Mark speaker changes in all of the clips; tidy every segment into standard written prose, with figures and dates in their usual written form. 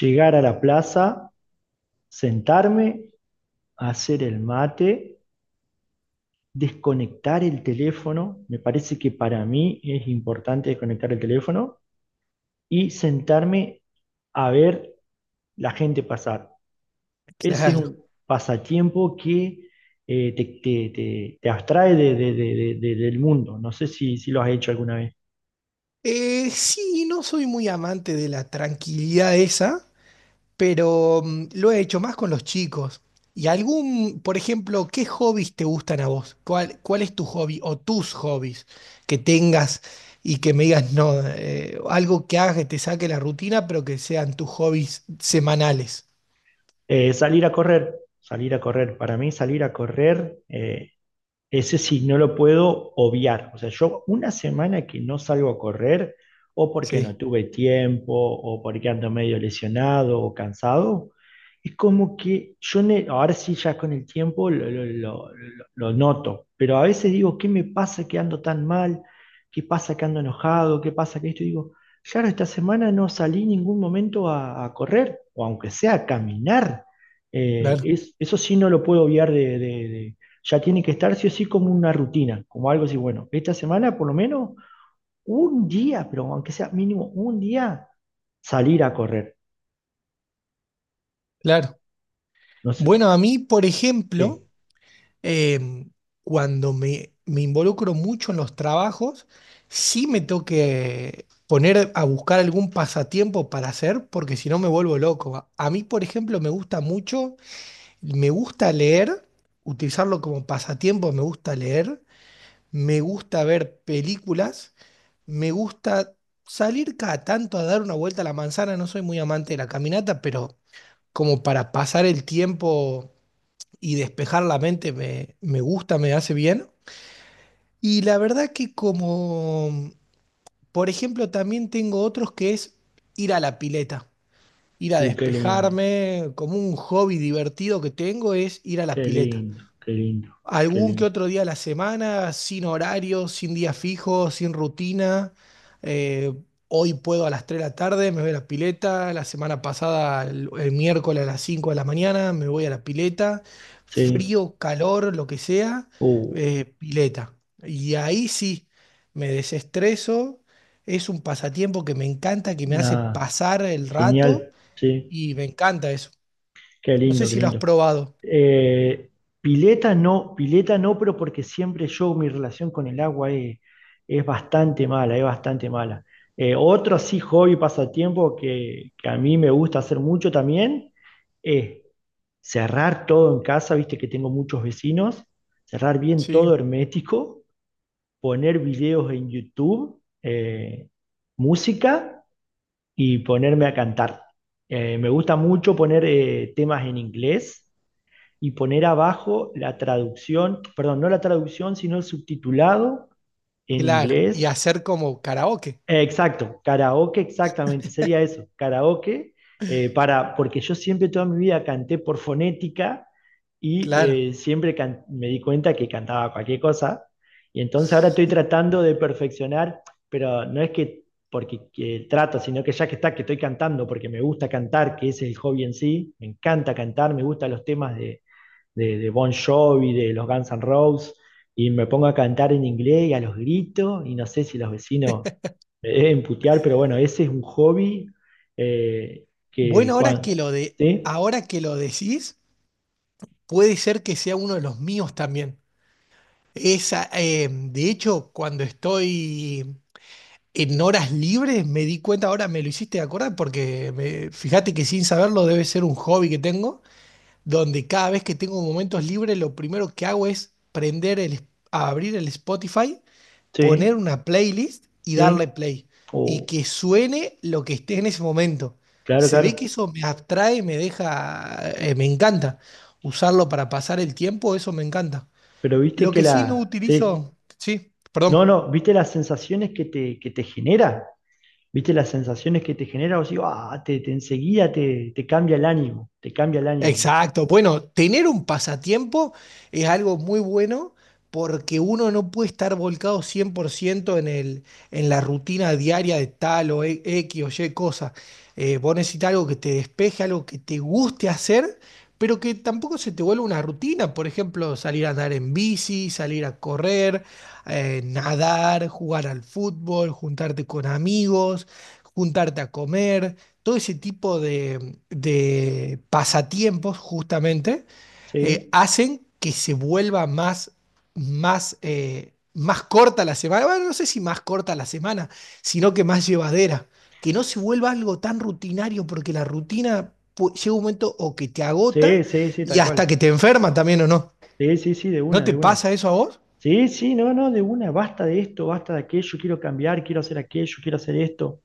Speaker 1: Llegar a la plaza, sentarme, hacer el mate, desconectar el teléfono. Me parece que para mí es importante desconectar el teléfono y sentarme a ver la gente pasar. Ese es
Speaker 2: Claro.
Speaker 1: un pasatiempo que te abstrae del mundo. No sé si lo has hecho alguna vez.
Speaker 2: Sí, no soy muy amante de la tranquilidad esa, pero lo he hecho más con los chicos. ¿Y algún, por ejemplo, qué hobbies te gustan a vos? ¿Cuál es tu hobby o tus hobbies que tengas y que me digas, no, algo que hagas que te saque la rutina, pero que sean tus hobbies semanales?
Speaker 1: Eh, salir a correr, Salir a correr. Para mí salir a correr. Ese sí, no lo puedo obviar. O sea, yo una semana que no salgo a correr, o porque
Speaker 2: Sí,
Speaker 1: no tuve tiempo, o porque ando medio lesionado o cansado, es como que yo, ahora sí ya con el tiempo lo noto, pero a veces digo, ¿qué me pasa que ando tan mal? ¿Qué pasa que ando enojado? ¿Qué pasa que esto? Y digo, claro, esta semana no salí en ningún momento a correr, o aunque sea a caminar. Eh,
Speaker 2: claro,
Speaker 1: es- eso sí no lo puedo obviar, ya tiene que estar sí o sí como una rutina, como algo así, bueno, esta semana por lo menos un día, pero aunque sea mínimo un día, salir a correr.
Speaker 2: claro.
Speaker 1: No sé,
Speaker 2: Bueno, a mí, por
Speaker 1: sí.
Speaker 2: ejemplo... eh, cuando me involucro mucho en los trabajos, sí me tengo que poner a buscar algún pasatiempo para hacer, porque si no me vuelvo loco. A mí, por ejemplo, me gusta mucho, me gusta leer, utilizarlo como pasatiempo, me gusta leer, me gusta ver películas, me gusta salir cada tanto a dar una vuelta a la manzana, no soy muy amante de la caminata, pero como para pasar el tiempo y despejar la mente me gusta, me hace bien. Y la verdad que como, por ejemplo, también tengo otros que es ir a la pileta, ir a
Speaker 1: Qué lindo,
Speaker 2: despejarme, como un hobby divertido que tengo es ir a la
Speaker 1: qué
Speaker 2: pileta.
Speaker 1: lindo, qué lindo, qué
Speaker 2: Algún que
Speaker 1: lindo.
Speaker 2: otro día a la semana, sin horario, sin día fijo, sin rutina. Eh, hoy puedo a las 3 de la tarde, me voy a la pileta. La semana pasada, el miércoles a las 5 de la mañana, me voy a la pileta.
Speaker 1: Sí,
Speaker 2: Frío, calor, lo que sea,
Speaker 1: uh,
Speaker 2: pileta. Y ahí sí, me desestreso. Es un pasatiempo que me encanta, que me hace
Speaker 1: nada,
Speaker 2: pasar el rato
Speaker 1: genial, sí,
Speaker 2: y me encanta eso.
Speaker 1: qué
Speaker 2: No sé
Speaker 1: lindo, qué
Speaker 2: si lo has
Speaker 1: lindo.
Speaker 2: probado.
Speaker 1: Eh, pileta no, pileta no, pero porque siempre yo, mi relación con el agua es bastante mala, es bastante mala. Otro así hobby, pasatiempo que a mí me gusta hacer mucho también es cerrar todo en casa, viste que tengo muchos vecinos, cerrar bien
Speaker 2: Sí.
Speaker 1: todo hermético, poner videos en YouTube, música y ponerme a cantar. Me gusta mucho poner temas en inglés y poner abajo la traducción, perdón, no la traducción, sino el subtitulado en
Speaker 2: Claro, y
Speaker 1: inglés.
Speaker 2: hacer como karaoke.
Speaker 1: Exacto, karaoke, exactamente, sería eso, karaoke, porque yo siempre toda mi vida canté por fonética
Speaker 2: Claro.
Speaker 1: y me di cuenta que cantaba cualquier cosa. Y entonces ahora estoy tratando de perfeccionar, pero no es que porque que trato, sino que ya que está, que estoy cantando, porque me gusta cantar, que es el hobby en sí, me encanta cantar, me gustan los temas de Bon Jovi, de los Guns N' Roses, y me pongo a cantar en inglés y a los gritos, y no sé si los vecinos me deben putear, pero bueno, ese es un hobby que
Speaker 2: Bueno,
Speaker 1: cuando... Sí,
Speaker 2: ahora que lo decís, puede ser que sea uno de los míos también. Esa, de hecho, cuando estoy en horas libres, me di cuenta, ahora me lo hiciste acordar, porque fíjate que sin saberlo debe ser un hobby que tengo, donde cada vez que tengo momentos libres, lo primero que hago es abrir el Spotify, poner
Speaker 1: sí,
Speaker 2: una playlist y
Speaker 1: sí,
Speaker 2: darle play y
Speaker 1: oh,
Speaker 2: que suene lo que esté en ese momento.
Speaker 1: claro,
Speaker 2: Se ve que
Speaker 1: claro,
Speaker 2: eso me atrae, me deja, me encanta. Usarlo para pasar el tiempo, eso me encanta.
Speaker 1: pero viste
Speaker 2: Lo
Speaker 1: que
Speaker 2: que sí no
Speaker 1: la... Sí,
Speaker 2: utilizo, sí,
Speaker 1: no,
Speaker 2: perdón.
Speaker 1: no, viste las sensaciones que te genera, viste las sensaciones que te genera, o sea, ah, te enseguida te cambia el ánimo, te cambia el ánimo,
Speaker 2: Exacto. Bueno, tener un pasatiempo es algo muy bueno porque uno no puede estar volcado 100% en en la rutina diaria de tal o X o Y cosa. Vos necesitas algo que te despeje, algo que te guste hacer, pero que tampoco se te vuelva una rutina. Por ejemplo, salir a andar en bici, salir a correr, nadar, jugar al fútbol, juntarte con amigos, juntarte a comer todo ese tipo de pasatiempos justamente
Speaker 1: sí,
Speaker 2: hacen que se vuelva más, más corta la semana. Bueno, no sé si más corta la semana, sino que más llevadera. Que no se vuelva algo tan rutinario, porque la rutina llega un momento o que te agota
Speaker 1: sí, sí, sí,
Speaker 2: y
Speaker 1: tal
Speaker 2: hasta
Speaker 1: cual.
Speaker 2: que te enferma también o no.
Speaker 1: Sí, sí, sí, de
Speaker 2: ¿No
Speaker 1: una,
Speaker 2: te
Speaker 1: de una.
Speaker 2: pasa eso a vos?
Speaker 1: Sí, sí, no, no, de una, basta de esto, basta de aquello, quiero cambiar, quiero hacer aquello, quiero hacer esto.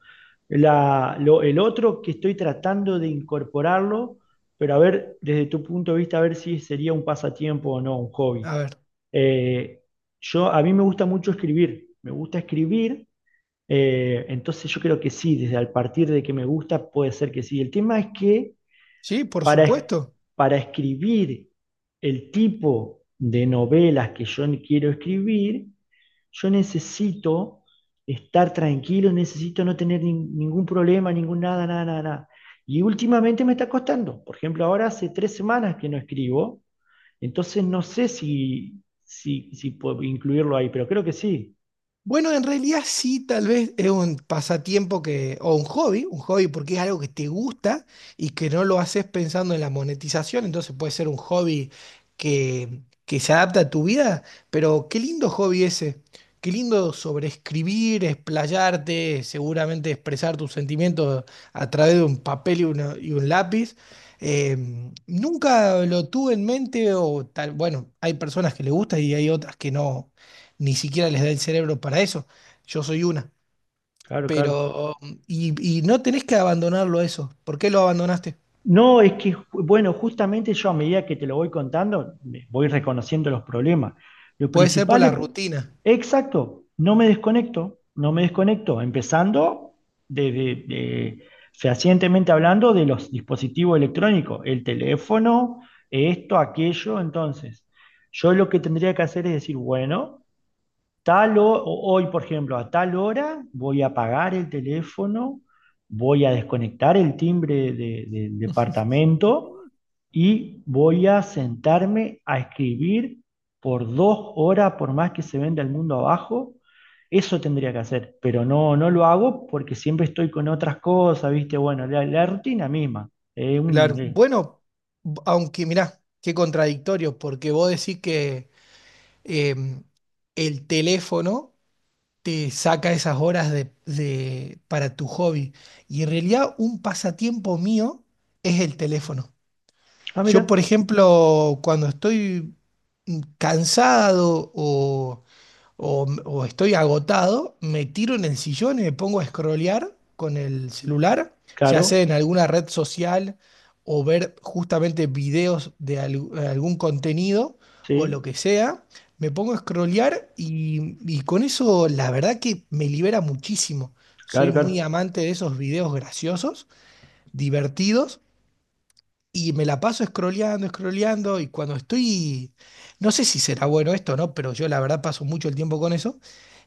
Speaker 1: El otro que estoy tratando de incorporarlo, pero a ver, desde tu punto de vista, a ver si sería un pasatiempo o no, un hobby.
Speaker 2: A ver,
Speaker 1: Eh, yo, a mí me gusta mucho escribir, me gusta escribir, entonces yo creo que sí, desde al partir de que me gusta, puede ser que sí. El tema es que
Speaker 2: sí, por
Speaker 1: para,
Speaker 2: supuesto.
Speaker 1: para escribir el tipo de novelas que yo quiero escribir, yo necesito estar tranquilo, necesito no tener ningún problema, ningún nada, nada, nada, nada. Y últimamente me está costando. Por ejemplo, ahora hace 3 semanas que no escribo, entonces no sé si puedo incluirlo ahí, pero creo que sí.
Speaker 2: Bueno, en realidad sí, tal vez es un pasatiempo que, o un hobby porque es algo que te gusta y que no lo haces pensando en la monetización, entonces puede ser un hobby que se adapta a tu vida, pero qué lindo hobby ese, qué lindo sobreescribir, explayarte, seguramente expresar tus sentimientos a través de un papel y un lápiz. Eh, nunca lo tuve en mente o tal, bueno, hay personas que le gusta y hay otras que no ni siquiera les da el cerebro para eso. Yo soy una.
Speaker 1: Claro, claro.
Speaker 2: Pero, y no tenés que abandonarlo eso. ¿Por qué lo abandonaste?
Speaker 1: No, es que, bueno, justamente yo a medida que te lo voy contando, voy reconociendo los problemas. Lo
Speaker 2: Puede ser por
Speaker 1: principal
Speaker 2: la
Speaker 1: es,
Speaker 2: rutina.
Speaker 1: exacto, no me desconecto, no me desconecto, empezando desde, de- fehacientemente hablando de los dispositivos electrónicos, el teléfono, esto, aquello, entonces, yo lo que tendría que hacer es decir, bueno, hoy, por ejemplo, a tal hora voy a apagar el teléfono, voy a desconectar el timbre del departamento y voy a sentarme a escribir por 2 horas, por más que se venda el mundo abajo. Eso tendría que hacer, pero no, no lo hago porque siempre estoy con otras cosas, ¿viste? Bueno, la rutina misma. es un,
Speaker 2: Claro.
Speaker 1: eh,
Speaker 2: Bueno, aunque mirá, qué contradictorio, porque vos decís que em, el teléfono te saca esas horas para tu hobby. Y en realidad un pasatiempo mío es el teléfono.
Speaker 1: Ah,
Speaker 2: Yo, por
Speaker 1: mira,
Speaker 2: ejemplo, cuando estoy cansado o estoy agotado, me tiro en el sillón y me pongo a scrollear con el celular, ya sea en
Speaker 1: claro,
Speaker 2: alguna red social o ver justamente videos de algún contenido o lo
Speaker 1: sí,
Speaker 2: que sea. Me pongo a scrollear y con eso la verdad que me libera muchísimo. Soy
Speaker 1: claro,
Speaker 2: muy
Speaker 1: claro,
Speaker 2: amante de esos videos graciosos, divertidos y me la paso scrolleando, scrolleando, y cuando estoy, no sé si será bueno esto, ¿no? Pero yo la verdad paso mucho el tiempo con eso,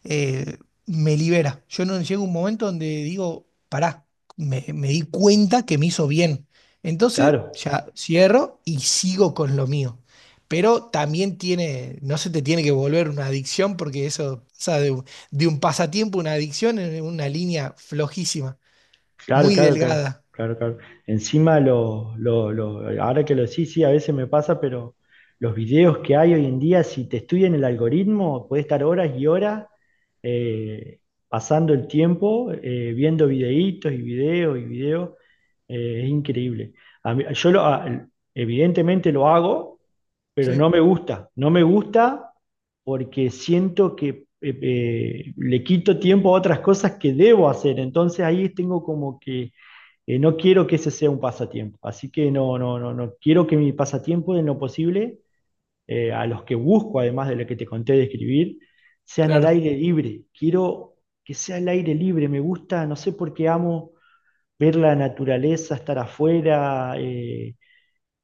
Speaker 2: eh, me libera. Yo no llego a un momento donde digo, pará, me di cuenta que me hizo bien. Entonces
Speaker 1: claro.
Speaker 2: ya cierro y sigo con lo mío. Pero también tiene, no se te tiene que volver una adicción porque eso pasa de un pasatiempo, a una adicción en una línea flojísima,
Speaker 1: Claro,
Speaker 2: muy
Speaker 1: claro, claro,
Speaker 2: delgada.
Speaker 1: claro, claro. Encima, ahora que lo sí, sí, a veces me pasa, pero los videos que hay hoy en día, si te estudian el algoritmo, puedes estar horas y horas eh, pasando el tiempo viendo videitos y videos y videos. Es increíble. A mí- yo lo- a- Evidentemente lo hago, pero no
Speaker 2: Sí,
Speaker 1: me gusta. No me gusta porque siento que le quito tiempo a otras cosas que debo hacer. Entonces ahí tengo como que no quiero que ese sea un pasatiempo. Así que no, no, no, no quiero que mi pasatiempo en lo posible, a los que busco, además de lo que te conté de escribir, sean al
Speaker 2: claro.
Speaker 1: aire libre. Quiero que sea al aire libre. Me gusta, no sé por qué amo ver la naturaleza, estar afuera.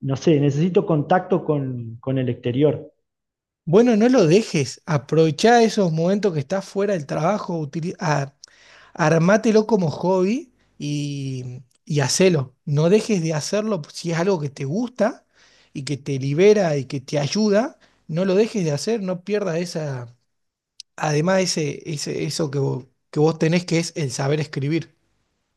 Speaker 1: No sé, necesito contacto con el exterior.
Speaker 2: Bueno, no lo dejes. Aprovechá esos momentos que estás fuera del trabajo. Armátelo como hobby y hacelo. No dejes de hacerlo si es algo que te gusta y que te libera y que te ayuda. No lo dejes de hacer, no pierdas esa, además eso que vos tenés que es el saber escribir.